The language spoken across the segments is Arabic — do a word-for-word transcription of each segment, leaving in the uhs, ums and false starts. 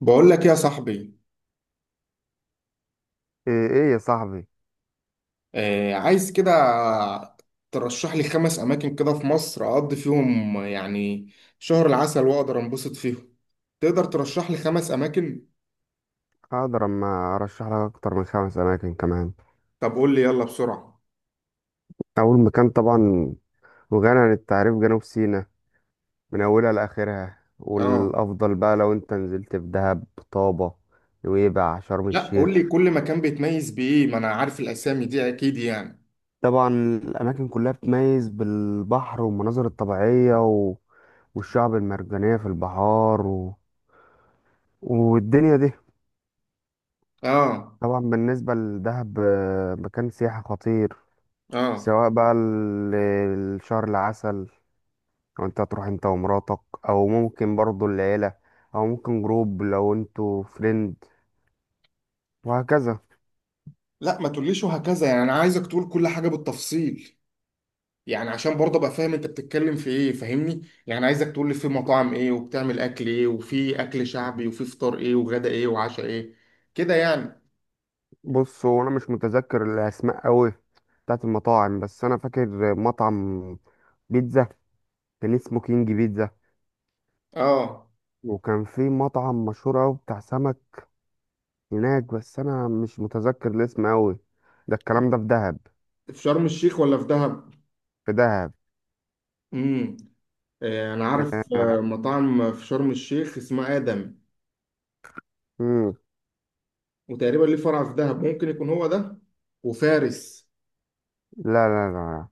بقول لك يا صاحبي، ايه إيه يا صاحبي، آه عايز كده. ترشح لي خمس اماكن كده في مصر اقضي فيهم يعني شهر العسل، واقدر انبسط فيهم. تقدر ترشح لي خمس اماكن؟ هقدر اما ارشح لك اكتر من خمس اماكن كمان. طب قول لي يلا بسرعة. اول مكان طبعا وغني عن التعريف، جنوب سيناء من اولها لاخرها. اه. والافضل بقى لو انت نزلت في دهب، طابة، نويبع، شرم لا، قول لي الشيخ. كل مكان بيتميز بايه، ما انا عارف الاسامي دي اكيد يعني. طبعا الاماكن كلها بتميز بالبحر والمناظر الطبيعية و... والشعب المرجانية في البحار و... والدنيا دي. اه، طبعا بالنسبة لدهب آه، مكان سياحي خطير. اه، سواء بقى ال- الشهر العسل، لو انت هتروح انت ومراتك، او ممكن برضو العيلة، او ممكن جروب لو انتوا فريند، وهكذا. لا ما تقوليش وهكذا، يعني انا عايزك تقول كل حاجة بالتفصيل، يعني عشان برضه ابقى فاهم انت بتتكلم في ايه، فاهمني؟ يعني عايزك تقول لي في مطاعم ايه وبتعمل اكل ايه وفي اكل شعبي وفي فطار ايه وغدا ايه وعشاء ايه، كده يعني. بص هو انا مش متذكر الاسماء قوي بتاعت المطاعم، بس انا فاكر مطعم بيتزا كان اسمه كينج بيتزا. اه. وكان في مطعم مشهور قوي بتاع سمك هناك، بس انا مش متذكر الاسم قوي. ده الكلام ده في دهب. في شرم الشيخ ولا في دهب؟ في دهب. امم. آه، انا عارف آه مطعم في شرم الشيخ اسمه ادم، مم. وتقريبا ليه فرع في دهب، ممكن يكون هو ده، وفارس. لا لا لا لا.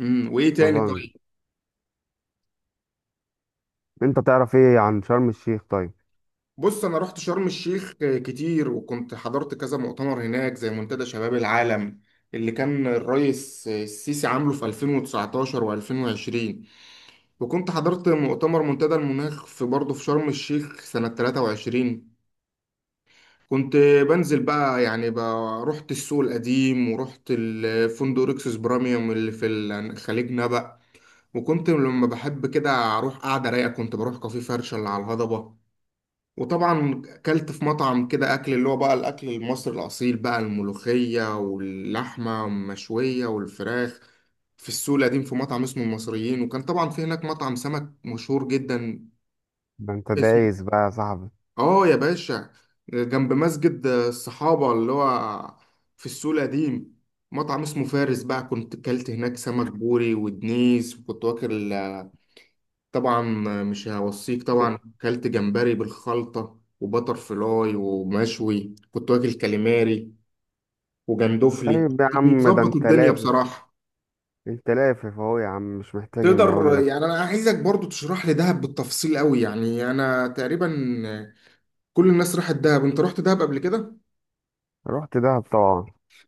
امم وايه ما تاني، اظن. طيب؟ انت تعرف ايه عن شرم الشيخ طيب؟ بص، انا رحت شرم الشيخ كتير، وكنت حضرت كذا مؤتمر هناك زي منتدى شباب العالم اللي كان الرئيس السيسي عامله في ألفين وتسعة عشر و2020، وكنت حضرت مؤتمر منتدى المناخ في برضه في شرم الشيخ سنة ثلاثة وعشرين. كنت بنزل بقى يعني بقى رحت السوق القديم ورحت الفندق ريكسوس براميوم اللي في ال- خليج نبأ. وكنت لما بحب كده اروح قاعدة رايقة كنت بروح كافيه فرشة اللي على الهضبة. وطبعا اكلت في مطعم كده اكل اللي هو بقى الاكل المصري الاصيل بقى، الملوخيه واللحمه المشويه والفراخ، في السوق القديم في مطعم اسمه المصريين. وكان طبعا في هناك مطعم سمك مشهور جدا ده انت اسمه دايس بقى يا صاحبي. اه يا باشا، جنب مسجد الصحابه اللي هو في السوق القديم، مطعم اسمه فارس بقى، كنت اكلت هناك سمك بوري ودنيس، وكنت واكل طبعا، مش هوصيك، طبعا اكلت جمبري بالخلطة وبتر فلاي ومشوي، كنت واكل كاليماري وجندفلي. طيب يا عم ده مظبط انت الدنيا لافف، بصراحة. انت لافف اهو يا عم، مش محتاج ان اقول تقدر لك. يعني انا عايزك برضو تشرح لي دهب بالتفصيل قوي، يعني انا تقريبا كل الناس راحت دهب، انت رحت دهب قبل كده؟ رحت دهب طبعا.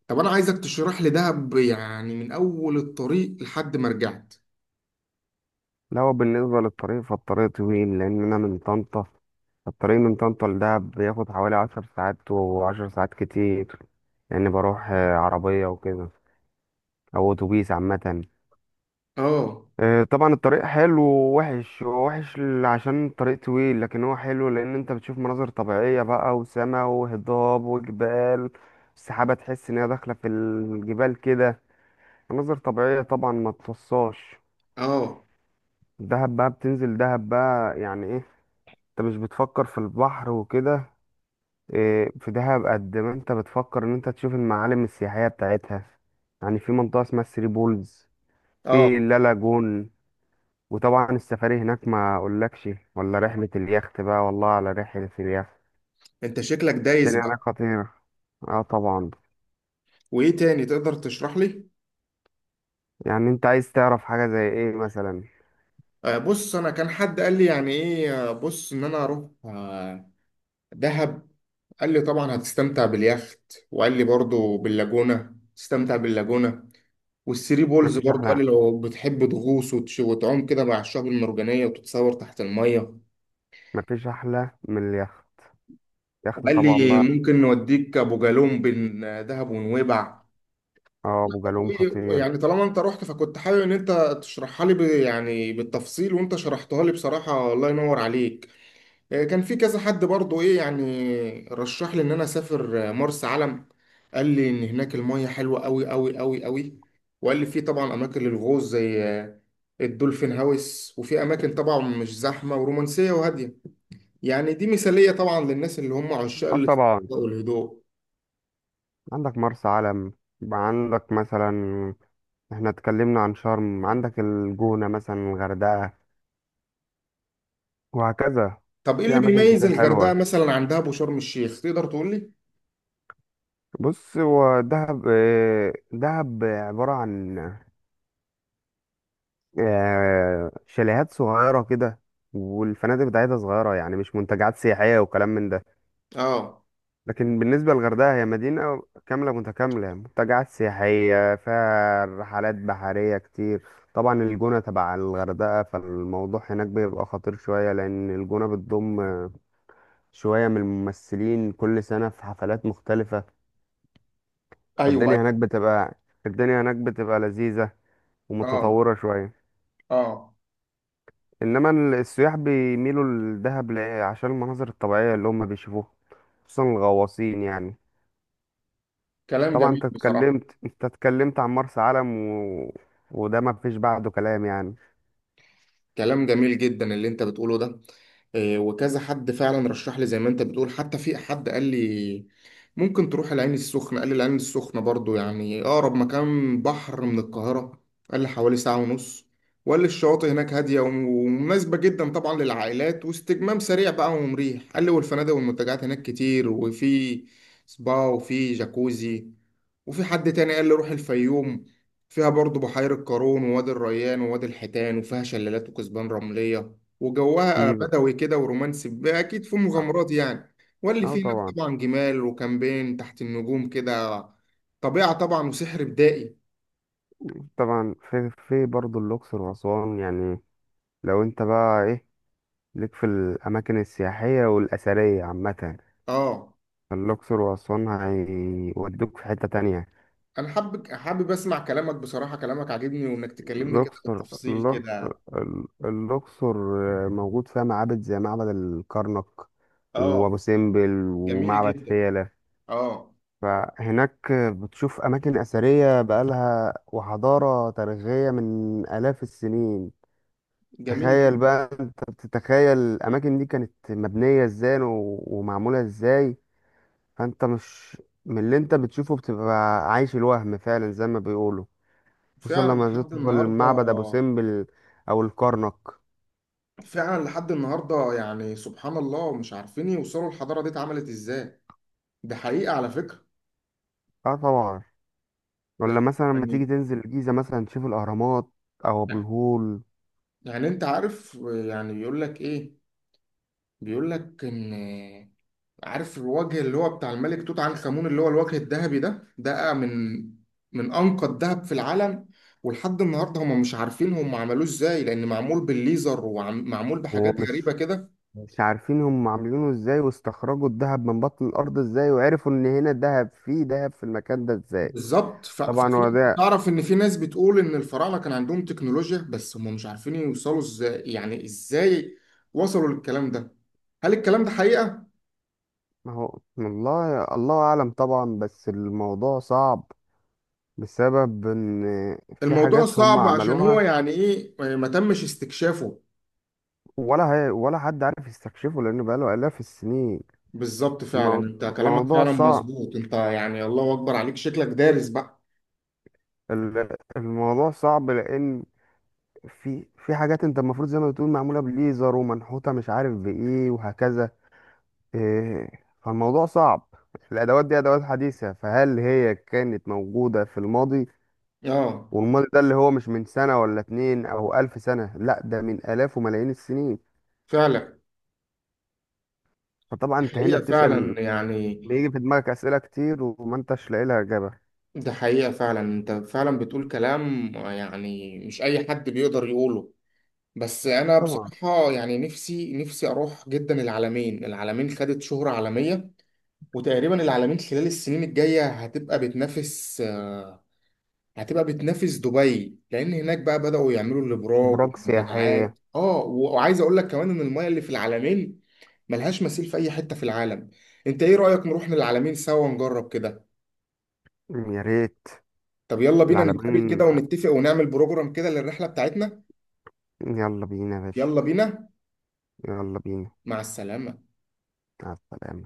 طب انا عايزك تشرح لي دهب يعني من اول الطريق لحد ما رجعت. لا هو بالنسبه للطريق، فالطريق طويل لان انا من طنطا. الطريق من طنطا لدهب بياخد حوالي عشر ساعات، وعشر ساعات كتير يعني. بروح آه، عربيه وكده، او اتوبيس عامه. اه، آه، طبعا الطريق حلو ووحش. هو وحش ل- عشان الطريق طويل، لكن هو حلو لان انت بتشوف مناظر طبيعيه بقى وسما وهضاب وجبال. السحابه تحس ان هي داخله في الجبال كده، مناظر طبيعية طبعا ما تفصاش. اه، دهب بقى، بتنزل دهب بقى يعني ايه؟ انت مش بتفكر في البحر وكده إيه في دهب، قد ما انت بتفكر ان انت تشوف المعالم السياحية بتاعتها. يعني في منطقة اسمها الثري بولز، اه، في لالاجون. وطبعا السفاري هناك ما اقولكش، ولا رحلة اليخت بقى. والله على رحلة اليخت، انت شكلك دايس الدنيا هناك بقى. خطيرة. اه طبعا. وايه تاني تقدر تشرح لي؟ يعني انت عايز تعرف حاجة زي ايه مثلا؟ آه، بص، انا كان حد قال لي يعني ايه، آه، بص ان انا اروح آه، دهب. قال لي طبعا هتستمتع باليخت، وقال لي برضو باللاجونة تستمتع باللاجونة، والثري بولز مفيش برضو قال احلى، لي لو بتحب تغوص وتش- وتعوم كده مع الشعاب المرجانية وتتصور تحت المية. مفيش احلى من اليخت. اليخت وقال طبعا لي بقى. ممكن نوديك ابو جالوم بين آه، دهب ونويبع. اه ابو جالوم خطير. يعني طالما انت رحت، فكنت حابب ان انت تشرحها لي ب- يعني بالتفصيل، وانت شرحتها لي بصراحة، الله ينور عليك. آه، كان في كذا حد برضو ايه يعني رشح لي ان انا اسافر آه، مرسى علم. قال لي ان هناك المية حلوة قوي قوي قوي قوي، وقال لي في طبعا اماكن للغوص زي آه، الدولفين هاوس، وفي اماكن طبعا مش زحمة ورومانسية وهادية. يعني دي مثالية طبعا للناس اللي هم عشاق اه الاسترخاء طبعا. والهدوء. عندك مرسى علم، عندك مثلا، احنا اتكلمنا عن شرم، عندك الجونة مثلا، الغردقة، وهكذا. طب ايه في اللي اماكن بيميز كتير الغردقة حلوة. مثلا عن دهب وشرم الشيخ، تقدر تقول لي؟ بص هو دهب، آه، دهب عبارة عن آه، شاليهات صغيرة كده، والفنادق بتاعتها صغيرة يعني، مش منتجعات سياحية وكلام من ده. اه، لكن بالنسبة للغردقة هي مدينة كاملة متكاملة، منتجعات سياحية، فيها رحلات بحرية كتير. طبعا الجونة تبع الغردقة، فالموضوع هناك بيبقى خطير شوية، لأن الجونة بتضم شوية من الممثلين كل سنة في حفلات مختلفة. ايوه، فالدنيا هناك أيوة. بتبقى، الدنيا هناك بتبقى لذيذة اه، ومتطورة شوية. اه، إنما ال- السياح بيميلوا لدهب ل- عشان المناظر الطبيعية اللي هم بيشوفوها، خصوصا الغواصين يعني. كلام طبعا انت جميل بصراحة. اتكلمت، انت اتكلمت عن مرسى علم و... وده ما فيش بعده كلام يعني. كلام جميل جدا اللي انت بتقوله ده. آه، وكذا حد فعلا رشح لي زي ما انت بتقول، حتى في حد قال لي ممكن تروح العين السخنة، قال لي العين السخنة برضو يعني أقرب مكان بحر من القاهرة، قال لي حوالي ساعة ونص، وقال لي الشواطئ هناك هادية ومناسبة جدا طبعا للعائلات واستجمام سريع بقى ومريح، قال لي والفنادق والمنتجعات هناك كتير، وفي سبا وفي جاكوزي. وفي حد تاني قال لي روح الفيوم، فيها برضو بحيرة قارون ووادي الريان ووادي الحيتان، وفيها شلالات وكثبان رملية، وجوها في بدوي كده ورومانسي، ب- أكيد فيه مغامرات يعني، واللي اه فيه هناك طبعا. طبعا جمال وكامبين تحت النجوم كده، طبيعة طبعا وسحر بدائي. طبعا في في برضه الاقصر واسوان يعني، لو انت بقى ايه، ليك في الاماكن السياحيه والاثريه عامه، اه، الاقصر واسوان هيودوك في حته تانية. أنا حابب حابب أسمع كلامك بصراحة، كلامك عاجبني وإنك تكلمني كده الاقصر بالتفصيل الأ- كده. ال- الاقصر موجود فيها معابد زي معبد الكرنك وابو اه، سمبل جميل ومعبد جدا. فيلة. اه، فهناك بتشوف أماكن أثرية بقالها وحضارة تاريخية من آلاف السنين. جميل تخيل جدا، بقى، أنت بتتخيل الأماكن دي كانت مبنية إزاي و- ومعمولة إزاي. فأنت مش، من اللي أنت بتشوفه بتبقى عايش الوهم فعلا زي ما بيقولوا، خصوصا فعلا لما لحد تدخل النهاردة. معبد أبو سمبل أو الكرنك. فعلا لحد النهارده، يعني سبحان الله مش عارفين يوصلوا الحضاره دي اتعملت ازاي. ده حقيقه على فكره. أه طبعا. آه، ولا مثلا لما تيجي يعني تنزل الجيزة مثلا تشوف الأهرامات أو أبو الهول. يعني انت عارف يعني بيقول لك ايه؟ بيقول لك ان، عارف الوجه اللي هو بتاع الملك توت عنخ آمون اللي هو الوجه الذهبي ده ده من من انقى الذهب في العالم، ولحد النهارده هم مش عارفين هم عملوه ازاي، لان معمول بالليزر ومعمول بحاجات غريبه ومش، كده. مش عارفين هم عاملينه ازاي، واستخرجوا الذهب من بطن الارض ازاي، وعرفوا ان هنا ذهب، فيه ذهب في المكان ده ازاي. بالظبط، ف- طبعا هو ففي ده. تعرف ان في ناس بتقول ان الفراعنه كان عندهم تكنولوجيا، بس هم مش عارفين يوصلوا ازاي، يعني ازاي وصلوا للكلام ده؟ هل الكلام ده حقيقه؟ ما هو والله الله اعلم طبعا، بس الموضوع صعب بسبب ان في الموضوع حاجات هم صعب عشان هو عملوها يعني ايه، يعني ما تمش استكشافه. ولا هي ولا حد عارف يستكشفه لانه بقاله الاف السنين. بالظبط، فعلا الموض- انت كلامك الموضوع فعلا صعب، مظبوط، انت يعني الله اكبر عليك، شكلك دارس بقى. ال- الموضوع صعب لان في في حاجات انت المفروض زي ما بتقول معموله بليزر ومنحوته مش عارف بايه وهكذا. إيه، فالموضوع صعب. الأدوات دي أدوات حديثة، فهل هي كانت موجودة في الماضي؟ اه، والماضي ده اللي هو مش من سنة ولا اتنين أو ألف سنة، لا ده من آلاف وملايين السنين. فعلا، فطبعا أنت هنا حقيقه بتسأل، فعلا يعني. بيجي في دماغك أسئلة كتير وما أنتش لاقي لها إجابة. ده حقيقه فعلا، انت فعلا بتقول كلام يعني مش اي حد بيقدر يقوله. بس انا طبعا. بصراحه يعني نفسي نفسي اروح جدا العالمين، العالمين خدت شهره عالميه. وتقريبا العالمين خلال السنين الجايه هتبقى بتنافس آه، هتبقى بتنافس دبي، لان هناك بقى بداوا يعملوا الابراج براك سياحية. والمنتجعات. اه و- وعايز اقول لك كمان ان المايه اللي في العالمين ملهاش مثيل في اي حته في العالم. انت ايه رايك، نروح للعالمين سوا ونجرب كده؟ يا ريت. طب يلا بينا نتقابل العلمين، كده ونتفق ونعمل بروجرام كده للرحله بتاعتنا. يلا بينا يا باشا. يلا بينا. يلا بينا. مع السلامه. مع السلامة.